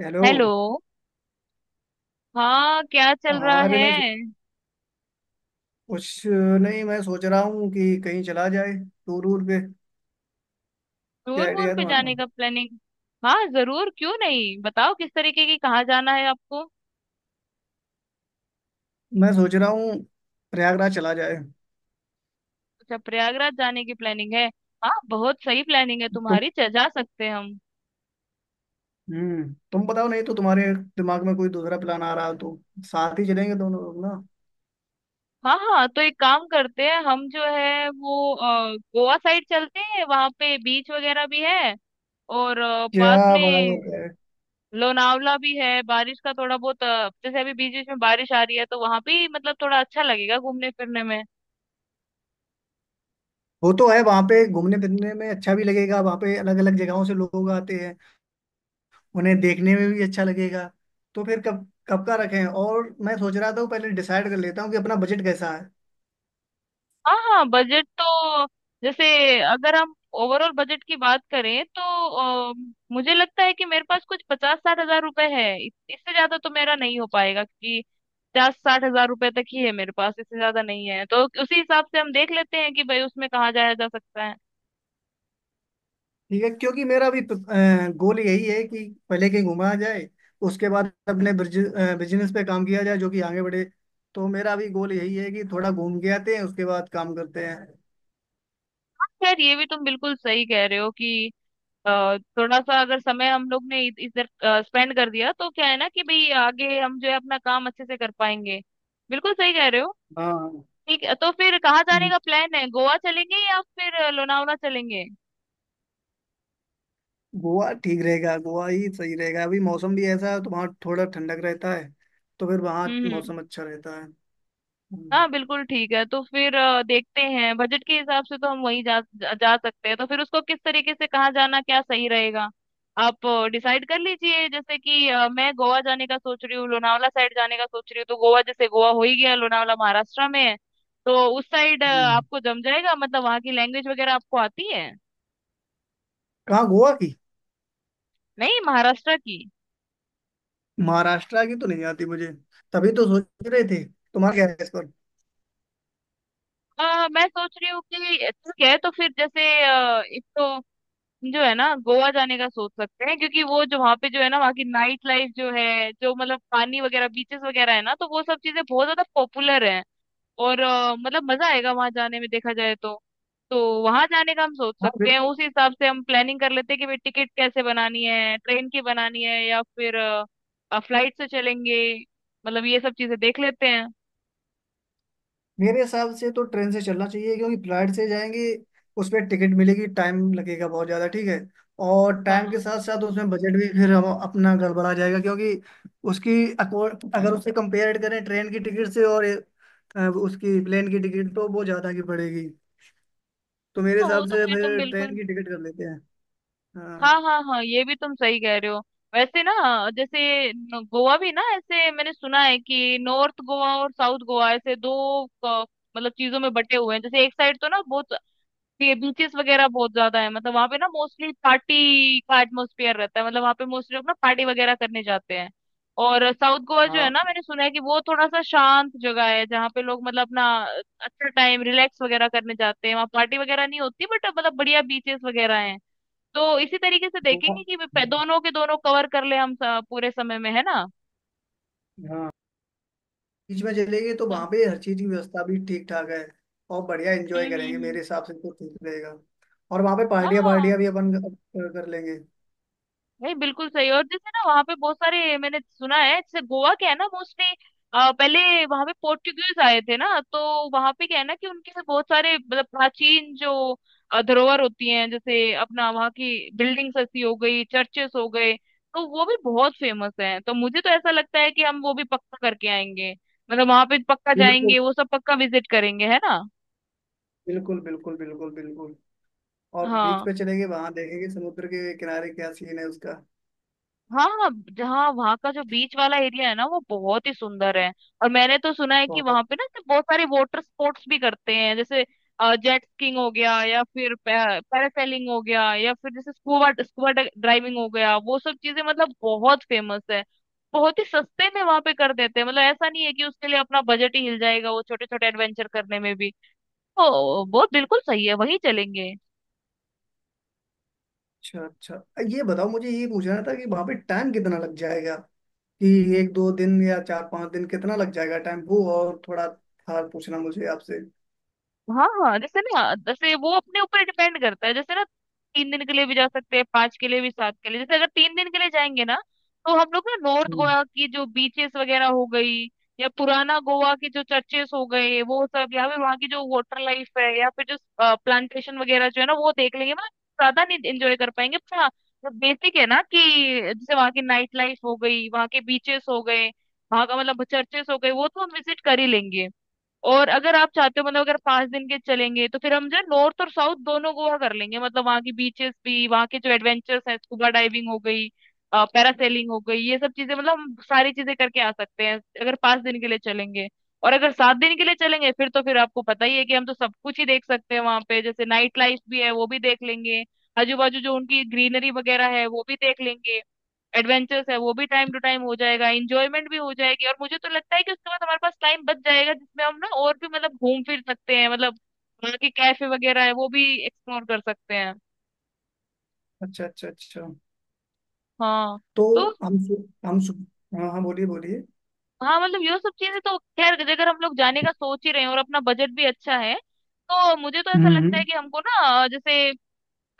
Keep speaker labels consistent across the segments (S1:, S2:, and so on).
S1: Hello.
S2: Hello. हाँ, क्या चल रहा
S1: हाँ, अरे
S2: है?
S1: मैं कुछ नहीं, मैं सोच रहा हूँ कि कहीं चला जाए, टूर वूर पे। क्या
S2: टूर वूर
S1: आइडिया है
S2: पे जाने
S1: तुम्हारा?
S2: का प्लानिंग। हाँ, जरूर क्यों नहीं। बताओ किस तरीके की, कहाँ जाना है आपको।
S1: मैं सोच रहा हूँ प्रयागराज चला जाए।
S2: अच्छा, प्रयागराज जाने की प्लानिंग है। हाँ, बहुत सही प्लानिंग है
S1: तुम
S2: तुम्हारी। जा सकते हैं हम।
S1: तुम बताओ, नहीं तो तुम्हारे दिमाग में कोई दूसरा प्लान आ रहा हो तो, साथ ही चलेंगे दोनों लोग ना।
S2: हाँ हाँ, तो एक काम करते हैं, हम जो है वो गोवा साइड चलते हैं। वहाँ पे बीच वगैरह भी है। और पास
S1: क्या
S2: में
S1: बात है।
S2: लोनावला भी है। बारिश का थोड़ा बहुत जैसे अभी बीच बीच में बारिश आ रही है, तो वहां भी मतलब थोड़ा अच्छा लगेगा घूमने फिरने में।
S1: वो तो है, वहाँ पे घूमने फिरने में अच्छा भी लगेगा। वहाँ पे अलग अलग जगहों से लोग आते हैं, उन्हें देखने में भी अच्छा लगेगा। तो फिर कब कब का रखें, और मैं सोच रहा था वो पहले डिसाइड कर लेता हूँ कि अपना बजट कैसा है।
S2: हाँ हाँ, बजट तो जैसे अगर हम ओवरऑल बजट की बात करें तो अ, मुझे लगता है कि मेरे पास कुछ 50-60 हजार रुपए है। इससे ज्यादा तो मेरा नहीं हो पाएगा, क्योंकि 50-60 हजार रुपए तक ही है मेरे पास। इससे ज्यादा नहीं है, तो उसी हिसाब से हम देख लेते हैं कि भाई उसमें कहाँ जाया जा सकता है।
S1: ठीक है, क्योंकि मेरा भी गोल यही है कि पहले कहीं घुमा जाए, उसके बाद अपने बिजनेस पे काम किया जाए जो कि आगे बढ़े। तो मेरा भी गोल यही है कि थोड़ा घूम के आते हैं, उसके बाद काम करते हैं।
S2: हाँ, खैर ये भी तुम बिल्कुल सही कह रहे हो कि अ, थोड़ा सा अगर समय हम लोग ने इधर स्पेंड कर दिया तो क्या है ना, कि भाई आगे हम जो है अपना काम अच्छे से कर पाएंगे। बिल्कुल सही कह रहे हो।
S1: हाँ।
S2: ठीक है, तो फिर कहाँ जाने
S1: हम्म,
S2: का प्लान है? गोवा चलेंगे या फिर लोनावला चलेंगे?
S1: गोवा ठीक रहेगा, गोवा ही सही रहेगा। अभी मौसम भी ऐसा है तो वहाँ थोड़ा ठंडक रहता है, तो फिर वहाँ
S2: हम्म।
S1: मौसम अच्छा रहता है। हम्म,
S2: हाँ बिल्कुल ठीक है, तो फिर देखते हैं बजट के हिसाब से तो हम वहीं जा, जा जा सकते हैं। तो फिर उसको किस तरीके से कहाँ जाना, क्या सही रहेगा। आप डिसाइड कर लीजिए। जैसे कि मैं गोवा जाने का सोच रही हूँ, लोनावला साइड जाने का सोच रही हूँ। तो गोवा जैसे गोवा हो ही गया, लोनावला महाराष्ट्र में है। तो उस साइड
S1: हम्म।
S2: आपको जम जाएगा, मतलब वहाँ की लैंग्वेज वगैरह आपको आती है?
S1: कहाँ, गोवा की?
S2: नहीं, महाराष्ट्र की।
S1: महाराष्ट्र की तो नहीं आती मुझे। तभी तो सोच रहे थे, तुम्हारा क्या है इस पर।
S2: मैं सोच रही हूँ कि ठीक है, तो फिर जैसे एक तो जो है ना, गोवा जाने का सोच सकते हैं, क्योंकि वो जो वहाँ पे जो है ना, वहाँ की नाइट लाइफ जो है, जो मतलब पानी वगैरह बीचेस वगैरह है ना, तो वो सब चीजें बहुत ज्यादा पॉपुलर हैं। और मतलब मजा आएगा वहां जाने में देखा जाए तो। तो वहां जाने का हम सोच
S1: हाँ,
S2: सकते हैं,
S1: बिल्कुल।
S2: उस हिसाब से हम प्लानिंग कर लेते हैं कि भाई टिकट कैसे बनानी है, ट्रेन की बनानी है या फिर फ्लाइट से चलेंगे। मतलब ये सब चीजें देख लेते हैं।
S1: मेरे हिसाब से तो ट्रेन से चलना चाहिए, क्योंकि फ्लाइट से जाएंगे उस पर टिकट मिलेगी, टाइम लगेगा बहुत ज़्यादा। ठीक है। और टाइम के
S2: हाँ
S1: साथ साथ उसमें बजट भी फिर हम अपना गड़बड़ा जाएगा, क्योंकि उसकी अको- अगर उसे कंपेयर करें ट्रेन की टिकट से और उसकी प्लेन की टिकट, तो वो ज़्यादा की पड़ेगी। तो मेरे
S2: हाँ, वो
S1: हिसाब
S2: तो
S1: से
S2: खैर तुम
S1: फिर ट्रेन
S2: बिल्कुल।
S1: की टिकट कर लेते हैं। हाँ,
S2: हाँ हाँ हाँ, ये भी तुम सही कह रहे हो। वैसे ना, जैसे गोवा भी ना, ऐसे मैंने सुना है कि नॉर्थ गोवा और साउथ गोवा ऐसे दो अ, मतलब चीजों में बटे हुए हैं। जैसे एक साइड तो ना बहुत बीचेस वगैरह बहुत ज्यादा है, मतलब वहाँ पे ना मोस्टली पार्टी का एटमोस्फेयर रहता है, मतलब वहाँ पे मोस्टली लोग ना पार्टी वगैरह करने जाते हैं। और साउथ गोवा जो है
S1: हाँ।
S2: ना, मैंने सुना है कि वो थोड़ा सा शांत जगह है जहाँ पे लोग मतलब अपना अच्छा टाइम रिलैक्स वगैरह करने जाते हैं। वहाँ पार्टी वगैरह नहीं होती, बट मतलब बढ़िया बीचेस वगैरह हैं। तो इसी तरीके से
S1: गोवा-
S2: देखेंगे कि दोनों के दोनों कवर कर ले हम पूरे समय में, है ना।
S1: हाँ, बीच में चलेंगे तो वहां
S2: हाँ।
S1: पे हर चीज की व्यवस्था भी ठीक ठाक है, और बढ़िया
S2: हम्म
S1: एंजॉय
S2: हम्म
S1: करेंगे।
S2: हम्म।
S1: मेरे हिसाब से तो ठीक रहेगा। और वहां पे पार्टियां
S2: हाँ,
S1: पार्टियां भी अपन कर कर लेंगे।
S2: नहीं बिल्कुल सही। और जैसे ना, वहां पे बहुत सारे मैंने सुना है, जैसे गोवा क्या है ना मोस्टली, पहले वहां पे पोर्टुगीज आए थे ना, तो वहां पे क्या है ना कि उनके से बहुत सारे मतलब प्राचीन जो धरोहर होती हैं। जैसे अपना वहाँ की बिल्डिंग्स ऐसी हो गई, चर्चेस हो गए। तो वो भी बहुत फेमस हैं, तो मुझे तो ऐसा लगता है कि हम वो भी पक्का करके आएंगे। मतलब वहां पे पक्का
S1: बिल्कुल,
S2: जाएंगे, वो सब पक्का विजिट करेंगे, है ना।
S1: बिल्कुल, बिल्कुल, बिल्कुल, बिल्कुल। और बीच
S2: हाँ
S1: पे चलेंगे, वहां देखेंगे समुद्र के किनारे क्या सीन है उसका।
S2: हाँ हाँ, जहाँ वहाँ का जो बीच वाला एरिया है ना, वो बहुत ही सुंदर है। और मैंने तो सुना है कि वहां
S1: बहुत।
S2: पे ना ऐसे बहुत सारे वाटर स्पोर्ट्स भी करते हैं, जैसे जेट स्कीइंग हो गया या फिर पैरासेलिंग हो गया या फिर जैसे स्कूबा स्कूबा ड्राइविंग हो गया, वो सब चीजें मतलब बहुत फेमस है। बहुत ही सस्ते में वहां पे कर देते हैं, मतलब ऐसा नहीं है कि उसके लिए अपना बजट ही हिल जाएगा, वो छोटे छोटे एडवेंचर करने में भी। तो वो बिल्कुल सही है, वहीं चलेंगे।
S1: अच्छा, अच्छा। ये बताओ, मुझे ये पूछना था कि वहां पे टाइम कितना लग जाएगा, कि एक दो दिन या चार पांच दिन कितना लग जाएगा टाइम, वो और थोड़ा था पूछना मुझे आपसे।
S2: हाँ हाँ, जैसे ना जैसे वो अपने ऊपर डिपेंड करता है जैसे ना। 3 दिन के लिए भी जा सकते हैं, 5 के लिए भी, 7 के लिए। जैसे अगर 3 दिन के लिए जाएंगे ना, तो हम लोग ना नॉर्थ
S1: हम्म।
S2: गोवा की जो बीचेस वगैरह हो गई, या पुराना गोवा के जो चर्चेस हो गए वो सब, या फिर वहाँ की जो वाटर लाइफ है या फिर जो प्लांटेशन वगैरह जो है ना, वो देख लेंगे। मतलब ज्यादा नहीं एंजॉय कर पाएंगे, पर हाँ, जो बेसिक है ना कि जैसे वहाँ की नाइट लाइफ हो गई, वहाँ के बीचेस हो गए, वहाँ का मतलब चर्चेस हो गए, वो तो हम विजिट कर ही लेंगे। और अगर आप चाहते हो, मतलब अगर 5 दिन के चलेंगे तो फिर हम जो है नॉर्थ और साउथ दोनों गोवा कर लेंगे, मतलब वहाँ की बीचेस भी, वहाँ के जो एडवेंचर्स हैं, स्कूबा डाइविंग हो गई, पैरासेलिंग हो गई, ये सब चीजें मतलब हम सारी चीजें करके आ सकते हैं अगर 5 दिन के लिए चलेंगे। और अगर 7 दिन के लिए चलेंगे फिर, तो फिर आपको पता ही है कि हम तो सब कुछ ही देख सकते हैं वहां पे। जैसे नाइट लाइफ भी है वो भी देख लेंगे, आजू बाजू जो उनकी ग्रीनरी वगैरह है वो भी देख लेंगे, एडवेंचर्स है वो भी टाइम टू टाइम हो जाएगा, इंजॉयमेंट भी हो जाएगी। और मुझे तो लगता है कि उसके बाद हमारे पास टाइम बच जाएगा, जिसमें हम ना और भी मतलब घूम फिर सकते हैं, मतलब वहाँ के कैफे वगैरह है वो भी एक्सप्लोर कर सकते हैं।
S1: अच्छा, अच्छा, अच्छा।
S2: हाँ।
S1: तो
S2: तो
S1: हम सु- हम सु- हाँ, हाँ, बोलिए, बोलिए।
S2: हाँ, मतलब ये सब चीजें तो खैर, अगर हम लोग जाने का सोच ही रहे हैं और अपना बजट भी अच्छा है, तो मुझे तो ऐसा लगता है
S1: हम्म,
S2: कि हमको ना जैसे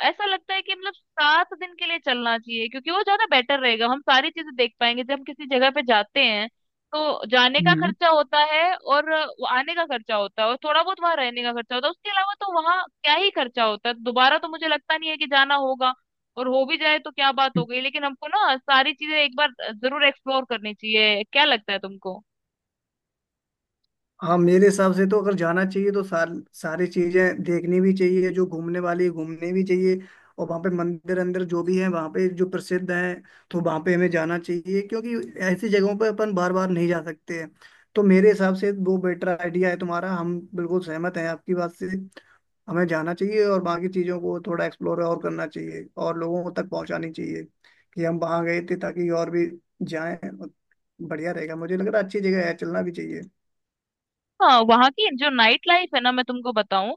S2: ऐसा लगता है कि मतलब 7 दिन के लिए चलना चाहिए, क्योंकि वो ज्यादा बेटर रहेगा, हम सारी चीजें देख पाएंगे। जब हम किसी जगह पे जाते हैं तो जाने का
S1: हम्म,
S2: खर्चा होता है और वो आने का खर्चा होता है और थोड़ा बहुत वहां रहने का खर्चा होता है, उसके अलावा तो वहां क्या ही खर्चा होता है। दोबारा तो मुझे लगता नहीं है कि जाना होगा, और हो भी जाए तो क्या बात हो
S1: हम्म।
S2: गई। लेकिन हमको ना सारी चीजें एक बार जरूर एक्सप्लोर करनी चाहिए। क्या लगता है तुमको?
S1: हाँ, मेरे हिसाब से तो अगर जाना चाहिए तो सारी चीजें देखनी भी चाहिए, जो घूमने वाली है घूमनी भी चाहिए। और वहाँ पे मंदिर अंदर जो भी है वहाँ पे जो प्रसिद्ध है, तो वहाँ पे हमें जाना चाहिए, क्योंकि ऐसी जगहों पे अपन बार बार नहीं जा सकते हैं। तो मेरे हिसाब से वो बेटर आइडिया है तुम्हारा, हम बिल्कुल सहमत हैं आपकी बात से। हमें जाना चाहिए, और बाकी चीज़ों को थोड़ा एक्सप्लोर और करना चाहिए, और लोगों तक पहुंचानी चाहिए कि हम वहाँ गए थे, ताकि और भी जाएं। और बढ़िया रहेगा, मुझे लग रहा है अच्छी जगह है, चलना भी चाहिए।
S2: हाँ, वहाँ की जो नाइट लाइफ है ना, मैं तुमको बताऊं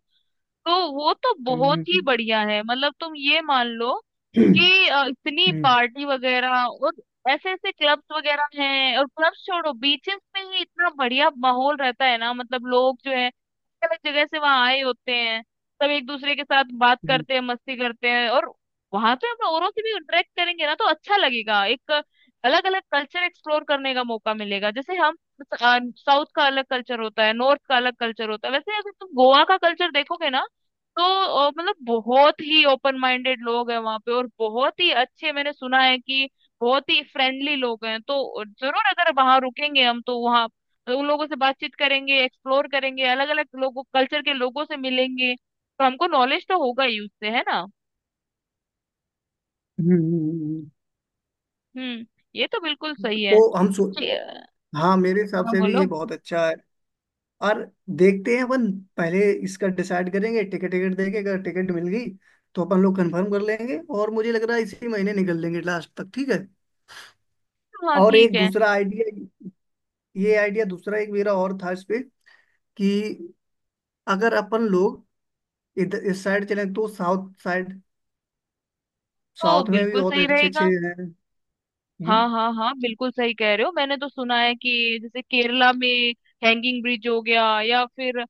S2: तो वो तो
S1: हम्म,
S2: बहुत ही बढ़िया है। मतलब तुम ये मान लो
S1: हम्म,
S2: कि इतनी
S1: हम्म,
S2: पार्टी वगैरह और ऐसे ऐसे क्लब्स वगैरह हैं। और क्लब्स छोड़ो, बीचेस पे ही इतना बढ़िया माहौल रहता है ना, मतलब लोग जो है अलग जगह से वहां आए होते हैं, सब एक दूसरे के साथ बात करते हैं, मस्ती करते हैं। और वहां पे हम औरों से भी इंटरेक्ट करेंगे ना, तो अच्छा लगेगा, एक अलग अलग कल्चर एक्सप्लोर करने का मौका मिलेगा। जैसे हम साउथ का अलग कल्चर होता है, नॉर्थ का अलग कल्चर होता है, वैसे अगर तुम गोवा का कल्चर देखोगे ना, तो मतलब बहुत ही ओपन माइंडेड लोग हैं वहां पे। और बहुत ही अच्छे, मैंने सुना है कि बहुत ही फ्रेंडली लोग हैं। तो जरूर अगर वहां रुकेंगे हम तो वहां तो उन लोगों से बातचीत करेंगे, एक्सप्लोर करेंगे, अलग अलग लोगों कल्चर के लोगों से मिलेंगे, तो हमको नॉलेज तो होगा ही उससे, है ना।
S1: हम्म, हम्म।
S2: हम्म। ये तो बिल्कुल सही है।
S1: तो हम सो
S2: ये-
S1: हाँ, मेरे हिसाब
S2: हाँ
S1: से भी
S2: बोलो।
S1: ये बहुत अच्छा है। और देखते हैं अपन पहले इसका डिसाइड करेंगे, टिकट टिकट देके अगर टिकट मिल गई तो अपन लोग कंफर्म कर लेंगे, और मुझे लग रहा है इसी महीने निकल लेंगे लास्ट तक, ठीक है।
S2: हाँ
S1: और
S2: ठीक
S1: एक
S2: है,
S1: दूसरा आइडिया, ये आइडिया दूसरा एक मेरा और था इस पे, कि अगर अपन लोग इधर इस साइड चले, तो साउथ साइड,
S2: तो
S1: साउथ में भी
S2: बिल्कुल
S1: बहुत
S2: सही
S1: अच्छे अच्छे
S2: रहेगा।
S1: हैं।
S2: हाँ
S1: हम्म।
S2: हाँ हाँ, बिल्कुल सही कह रहे हो। मैंने तो सुना है कि जैसे केरला में हैंगिंग ब्रिज हो गया या फिर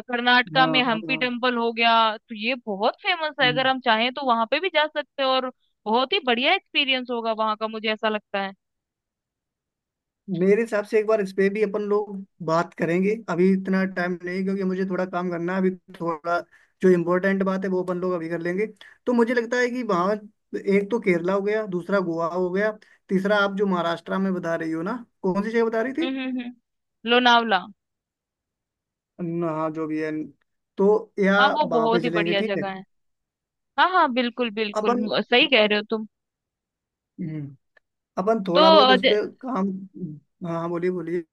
S2: कर्नाटका
S1: हाँ,
S2: में
S1: हाँ,
S2: हम्पी
S1: हाँ।
S2: टेम्पल हो गया, तो ये बहुत फेमस है। अगर
S1: हम्म।
S2: हम चाहें तो वहां पे भी जा सकते हैं, और बहुत ही बढ़िया एक्सपीरियंस होगा वहां का, मुझे ऐसा लगता है।
S1: मेरे हिसाब से एक बार इस पे भी अपन लोग बात करेंगे, अभी इतना टाइम नहीं क्योंकि मुझे थोड़ा काम करना है अभी। थोड़ा जो इम्पोर्टेंट बात है वो अपन लोग अभी कर लेंगे। तो मुझे लगता है कि वहाँ, एक तो केरला हो गया, दूसरा गोवा हो गया, तीसरा आप जो महाराष्ट्र में बता रही हो ना, कौन सी जगह बता रही थी?
S2: लोनावला।
S1: हाँ, जो भी है, तो या
S2: हाँ, वो
S1: वहां पे
S2: बहुत ही
S1: चलेंगे,
S2: बढ़िया
S1: ठीक है।
S2: जगह है। हाँ हाँ, बिल्कुल बिल्कुल
S1: अपन
S2: सही कह रहे हो तुम।
S1: हम्म, अपन
S2: तो
S1: थोड़ा बहुत
S2: अ,
S1: उस
S2: ज,
S1: पे काम। हाँ, हाँ, बोलिए, बोलिए।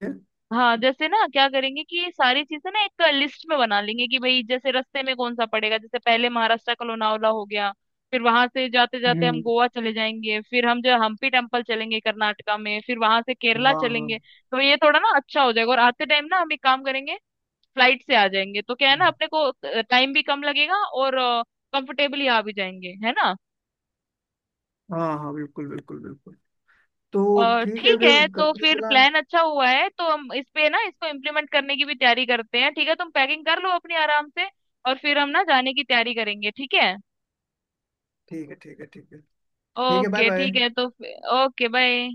S2: हाँ, जैसे ना क्या करेंगे कि ये सारी चीजें ना एक लिस्ट में बना लेंगे कि भाई जैसे रास्ते में कौन सा पड़ेगा। जैसे पहले महाराष्ट्र का लोनावला हो गया, फिर वहां से जाते जाते हम
S1: हम्म।
S2: गोवा चले जाएंगे, फिर हम जो हम्पी टेम्पल चलेंगे कर्नाटका में, फिर वहां से केरला
S1: हाँ, हाँ।
S2: चलेंगे। तो ये थोड़ा ना अच्छा हो जाएगा। और आते टाइम ना हम एक काम करेंगे, फ्लाइट से आ जाएंगे, तो क्या है ना,
S1: हम्म,
S2: अपने को टाइम भी कम लगेगा और कंफर्टेबली आ भी जाएंगे, है ना।
S1: हाँ, हाँ, बिल्कुल, बिल्कुल, बिल्कुल। तो
S2: और
S1: ठीक है,
S2: ठीक
S1: फिर
S2: है, तो
S1: करते हैं
S2: फिर
S1: प्लान।
S2: प्लान अच्छा हुआ है, तो हम इस पे ना इसको इम्प्लीमेंट करने की भी तैयारी करते हैं। ठीक है, तुम पैकिंग कर लो अपनी आराम से और फिर हम ना जाने की तैयारी करेंगे, ठीक है।
S1: ठीक है, ठीक है, ठीक है। ठीक है, बाय
S2: ओके
S1: बाय।
S2: ठीक है तो। Okay, bye.